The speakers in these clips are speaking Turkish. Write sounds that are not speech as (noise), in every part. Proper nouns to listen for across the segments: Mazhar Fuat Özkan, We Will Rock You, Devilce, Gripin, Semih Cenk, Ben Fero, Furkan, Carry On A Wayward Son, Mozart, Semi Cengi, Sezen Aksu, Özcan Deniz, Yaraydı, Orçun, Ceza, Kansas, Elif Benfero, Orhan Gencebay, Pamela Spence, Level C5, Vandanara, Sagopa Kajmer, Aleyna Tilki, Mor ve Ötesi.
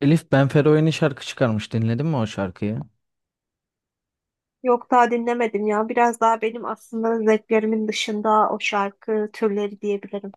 Elif Benfero yeni şarkı çıkarmış. Dinledin mi o şarkıyı? Yok daha dinlemedim ya. Biraz daha benim aslında zevklerimin dışında o şarkı türleri diyebilirim.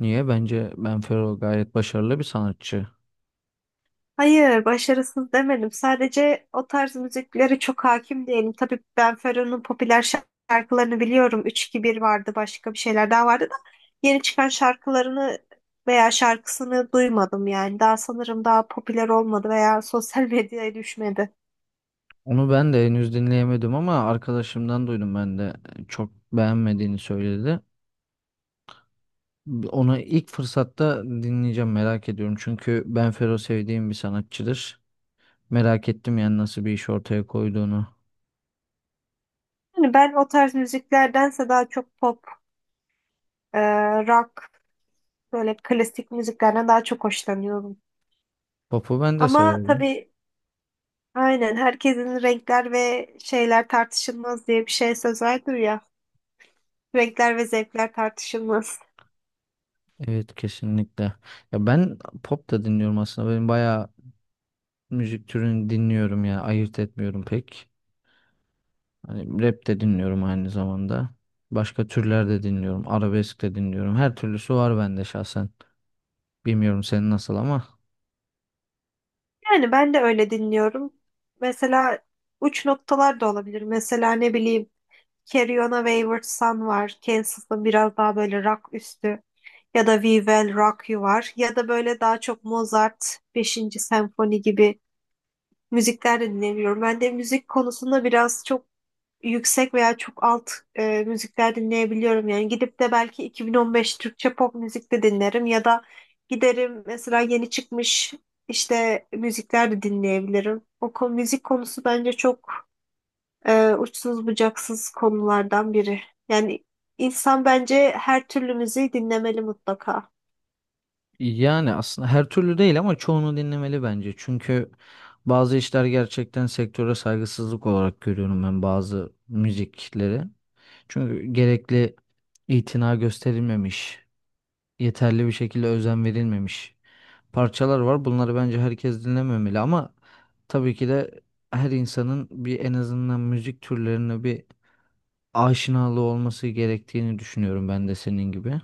Niye? Bence Benfero gayet başarılı bir sanatçı. Hayır, başarısız demedim. Sadece o tarz müziklere çok hakim değilim. Tabii Ben Fero'nun popüler şarkılarını biliyorum. Üç 2 bir vardı, başka bir şeyler daha vardı da yeni çıkan şarkılarını veya şarkısını duymadım yani. Daha sanırım daha popüler olmadı veya sosyal (laughs) medyaya düşmedi. Onu ben de henüz dinleyemedim ama arkadaşımdan duydum ben de çok beğenmediğini söyledi. Onu ilk fırsatta dinleyeceğim, merak ediyorum. Çünkü Benfero sevdiğim bir sanatçıdır. Merak ettim yani nasıl bir iş ortaya koyduğunu. Yani ben o tarz müziklerdense daha çok pop, e, rock, böyle klasik müziklerden daha çok hoşlanıyorum. Pop'u ben de Ama severim. tabii aynen herkesin renkler ve şeyler tartışılmaz diye bir şey söz vardır ya. Renkler ve zevkler tartışılmaz. Evet, kesinlikle. Ya ben pop da dinliyorum aslında. Benim bayağı müzik türünü dinliyorum ya. Ayırt etmiyorum pek. Hani rap de dinliyorum aynı zamanda. Başka türler de dinliyorum. Arabesk de dinliyorum. Her türlüsü var bende şahsen. Bilmiyorum senin nasıl ama. Yani ben de öyle dinliyorum. Mesela uç noktalar da olabilir. Mesela ne bileyim Carry On A Wayward Son var. Kansas'ın biraz daha böyle rock üstü. Ya da We Will Rock You var. Ya da böyle daha çok Mozart beşinci Senfoni gibi müzikler de dinlemiyorum. Ben de müzik konusunda biraz çok yüksek veya çok alt müzikler dinleyebiliyorum. Yani gidip de belki 2015 Türkçe pop müzik de dinlerim ya da giderim mesela yeni çıkmış işte müzikler de dinleyebilirim. O konu, müzik konusu bence çok uçsuz bucaksız konulardan biri. Yani insan bence her türlü müziği dinlemeli mutlaka. Yani aslında her türlü değil ama çoğunu dinlemeli bence. Çünkü bazı işler gerçekten sektöre saygısızlık olarak görüyorum ben bazı müzikleri. Çünkü gerekli itina gösterilmemiş, yeterli bir şekilde özen verilmemiş parçalar var. Bunları bence herkes dinlememeli ama tabii ki de her insanın bir en azından müzik türlerine bir aşinalığı olması gerektiğini düşünüyorum ben de senin gibi.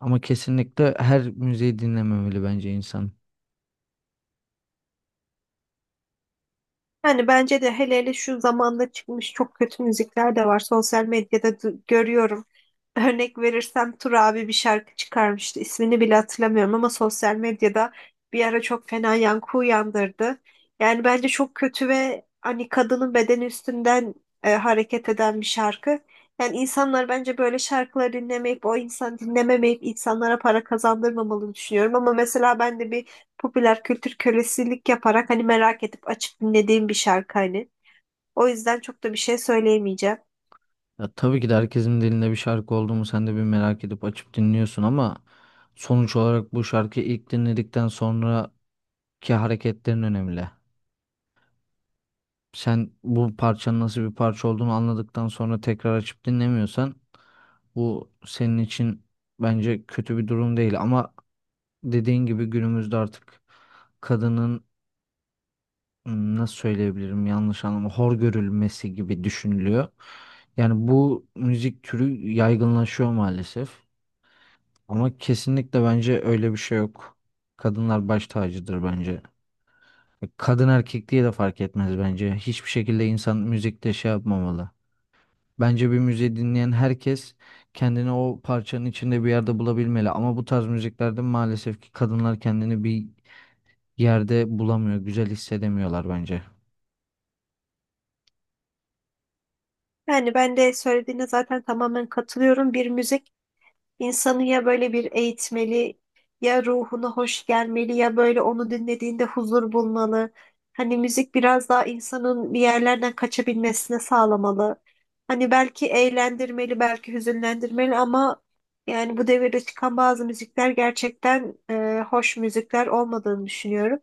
Ama kesinlikle her müziği dinlememeli bence insan. Yani bence de hele hele şu zamanda çıkmış çok kötü müzikler de var. Sosyal medyada görüyorum. Örnek verirsem Tur abi bir şarkı çıkarmıştı. İsmini bile hatırlamıyorum ama sosyal medyada bir ara çok fena yankı uyandırdı. Yani bence çok kötü ve hani kadının bedeni üstünden hareket eden bir şarkı. Yani insanlar bence böyle şarkıları dinlemeyip o insan dinlememeyip insanlara para kazandırmamalı düşünüyorum. Ama mesela ben de bir popüler kültür kölesilik yaparak hani merak edip açıp dinlediğim bir şarkı hani. O yüzden çok da bir şey söyleyemeyeceğim. Ya tabii ki de herkesin dilinde bir şarkı olduğumu sen de bir merak edip açıp dinliyorsun ama sonuç olarak bu şarkıyı ilk dinledikten sonraki hareketlerin önemli. Sen bu parçanın nasıl bir parça olduğunu anladıktan sonra tekrar açıp dinlemiyorsan bu senin için bence kötü bir durum değil ama dediğin gibi günümüzde artık kadının nasıl söyleyebilirim, yanlış anlamda hor görülmesi gibi düşünülüyor. Yani bu müzik türü yaygınlaşıyor maalesef ama kesinlikle bence öyle bir şey yok. Kadınlar baş tacıdır bence. Kadın erkek diye de fark etmez bence. Hiçbir şekilde insan müzikte şey yapmamalı. Bence bir müziği dinleyen herkes kendini o parçanın içinde bir yerde bulabilmeli. Ama bu tarz müziklerde maalesef ki kadınlar kendini bir yerde bulamıyor, güzel hissedemiyorlar bence. Yani ben de söylediğine zaten tamamen katılıyorum. Bir müzik İnsanı ya böyle bir eğitmeli, ya ruhuna hoş gelmeli, ya böyle onu dinlediğinde huzur bulmalı. Hani müzik biraz daha insanın bir yerlerden kaçabilmesine sağlamalı. Hani belki eğlendirmeli, belki hüzünlendirmeli ama yani bu devirde çıkan bazı müzikler gerçekten hoş müzikler olmadığını düşünüyorum.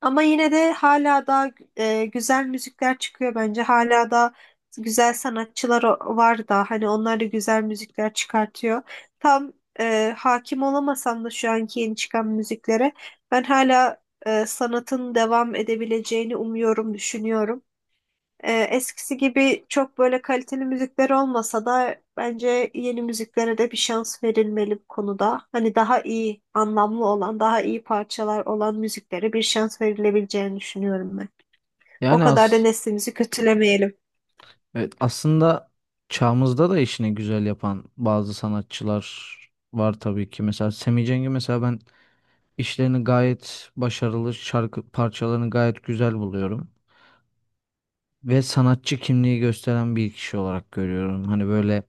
Ama yine de hala da güzel müzikler çıkıyor bence. Hala da güzel sanatçılar var da hani onlar da güzel müzikler çıkartıyor. Tam hakim olamasam da şu anki yeni çıkan müziklere ben hala sanatın devam edebileceğini umuyorum, düşünüyorum. Eskisi gibi çok böyle kaliteli müzikler olmasa da bence yeni müziklere de bir şans verilmeli bu konuda. Hani daha iyi, anlamlı olan, daha iyi parçalar olan müziklere bir şans verilebileceğini düşünüyorum ben. O Yani kadar da az, neslimizi kötülemeyelim. evet, aslında çağımızda da işini güzel yapan bazı sanatçılar var tabii ki. Mesela Semi Cengi, mesela ben işlerini gayet başarılı, şarkı parçalarını gayet güzel buluyorum. Ve sanatçı kimliği gösteren bir kişi olarak görüyorum. Hani böyle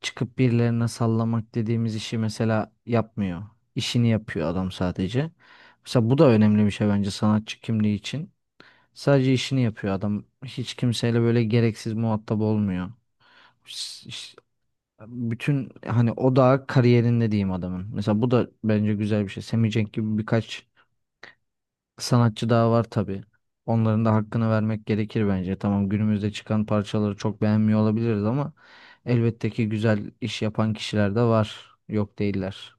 çıkıp birilerine sallamak dediğimiz işi mesela yapmıyor. İşini yapıyor adam sadece. Mesela bu da önemli bir şey bence sanatçı kimliği için. Sadece işini yapıyor adam. Hiç kimseyle böyle gereksiz muhatap olmuyor. Ş- ş- Bütün hani o da kariyerinde diyeyim adamın. Mesela bu da bence güzel bir şey. Semih Cenk gibi birkaç sanatçı daha var tabii. Onların da hakkını vermek gerekir bence. Tamam, günümüzde çıkan parçaları çok beğenmiyor olabiliriz ama elbette ki güzel iş yapan kişiler de var. Yok değiller.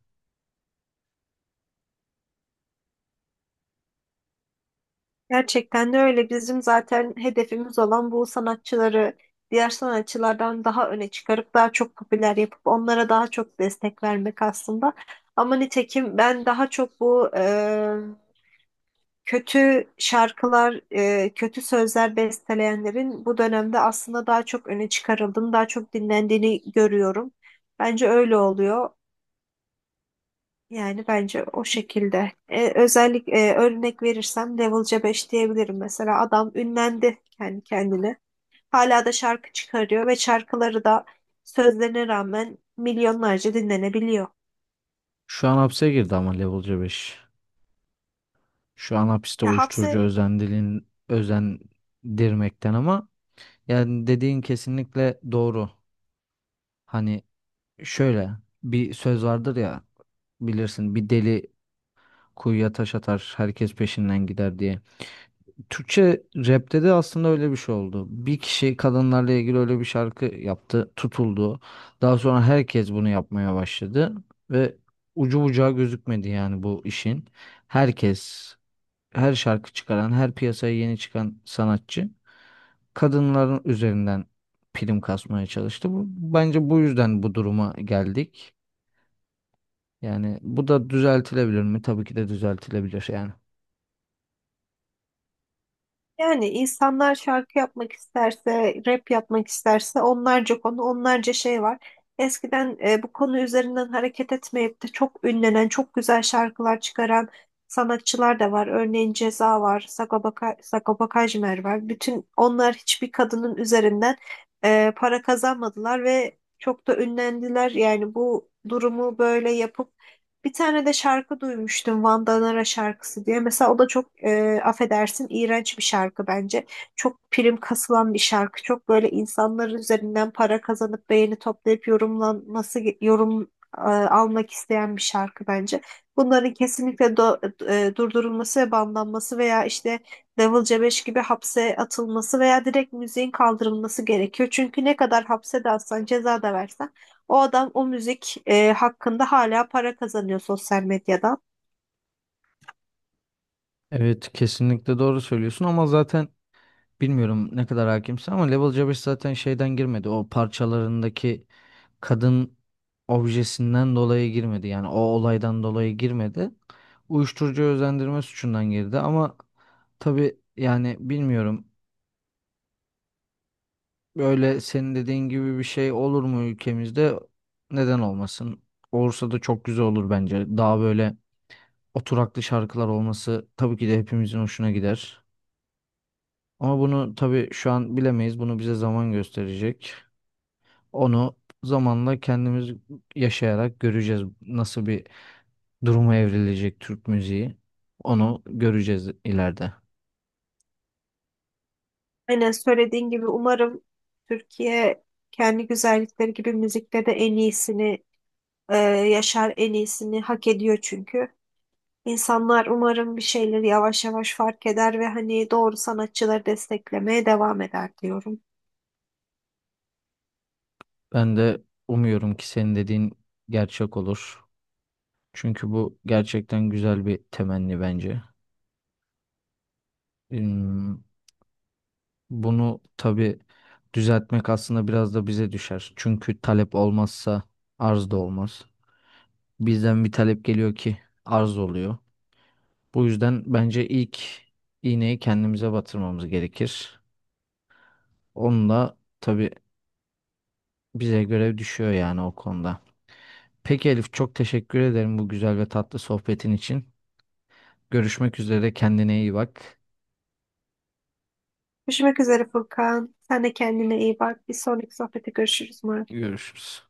Gerçekten de öyle. Bizim zaten hedefimiz olan bu sanatçıları diğer sanatçılardan daha öne çıkarıp daha çok popüler yapıp onlara daha çok destek vermek aslında. Ama nitekim ben daha çok bu kötü şarkılar, kötü sözler besteleyenlerin bu dönemde aslında daha çok öne çıkarıldığını, daha çok dinlendiğini görüyorum. Bence öyle oluyor. Yani bence o şekilde. Örnek verirsem Devilce 5 diyebilirim mesela. Adam ünlendi kendi kendine. Hala da şarkı çıkarıyor ve şarkıları da sözlerine rağmen milyonlarca dinlenebiliyor. Şu an hapse girdi ama Level C5. Şu an hapiste Ya uyuşturucu hapse özendirmekten ama yani dediğin kesinlikle doğru. Hani şöyle bir söz vardır ya, bilirsin, bir deli kuyuya taş atar herkes peşinden gider diye. Türkçe rapte de aslında öyle bir şey oldu. Bir kişi kadınlarla ilgili öyle bir şarkı yaptı, tutuldu. Daha sonra herkes bunu yapmaya başladı ve ucu bucağı gözükmedi yani bu işin. Herkes, her şarkı çıkaran, her piyasaya yeni çıkan sanatçı kadınların üzerinden prim kasmaya çalıştı. Bu, bence bu yüzden bu duruma geldik. Yani bu da düzeltilebilir mi? Tabii ki de düzeltilebilir yani. Yani insanlar şarkı yapmak isterse, rap yapmak isterse onlarca konu, onlarca şey var. Eskiden bu konu üzerinden hareket etmeyip de çok ünlenen, çok güzel şarkılar çıkaran sanatçılar da var. Örneğin Ceza var, Sagopa, Sagopa Kajmer var. Bütün onlar hiçbir kadının üzerinden para kazanmadılar ve çok da ünlendiler. Yani bu durumu böyle yapıp bir tane de şarkı duymuştum Vandanara şarkısı diye. Mesela o da çok affedersin iğrenç bir şarkı bence. Çok prim kasılan bir şarkı. Çok böyle insanların üzerinden para kazanıp beğeni toplayıp yorumlanması yorum almak isteyen bir şarkı bence. Bunların kesinlikle durdurulması ve banlanması veya işte Level C5 gibi hapse atılması veya direkt müziğin kaldırılması gerekiyor. Çünkü ne kadar hapse de atsan ceza da versen o adam o müzik hakkında hala para kazanıyor sosyal medyadan. Evet, kesinlikle doğru söylüyorsun ama zaten bilmiyorum ne kadar hakimsin ama Level C zaten şeyden girmedi. O parçalarındaki kadın objesinden dolayı girmedi. Yani o olaydan dolayı girmedi. Uyuşturucu özendirme suçundan girdi ama tabii yani bilmiyorum. Böyle senin dediğin gibi bir şey olur mu ülkemizde? Neden olmasın? Olursa da çok güzel olur bence. Daha böyle oturaklı şarkılar olması tabii ki de hepimizin hoşuna gider. Ama bunu tabii şu an bilemeyiz. Bunu bize zaman gösterecek. Onu zamanla kendimiz yaşayarak göreceğiz nasıl bir duruma evrilecek Türk müziği. Onu göreceğiz ileride. Aynen söylediğin gibi umarım Türkiye kendi güzellikleri gibi müzikte de en iyisini yaşar, en iyisini hak ediyor çünkü. İnsanlar umarım bir şeyleri yavaş yavaş fark eder ve hani doğru sanatçıları desteklemeye devam eder diyorum. Ben de umuyorum ki senin dediğin gerçek olur. Çünkü bu gerçekten güzel bir temenni bence. Hmm, Bunu tabii düzeltmek aslında biraz da bize düşer. Çünkü talep olmazsa arz da olmaz. Bizden bir talep geliyor ki arz oluyor. Bu yüzden bence ilk iğneyi kendimize batırmamız gerekir. Onunla tabii bize görev düşüyor yani o konuda. Peki Elif, çok teşekkür ederim bu güzel ve tatlı sohbetin için. Görüşmek üzere, kendine iyi bak. Görüşmek üzere Furkan. Sen de kendine iyi bak. Bir sonraki sohbete görüşürüz umarım. Görüşürüz.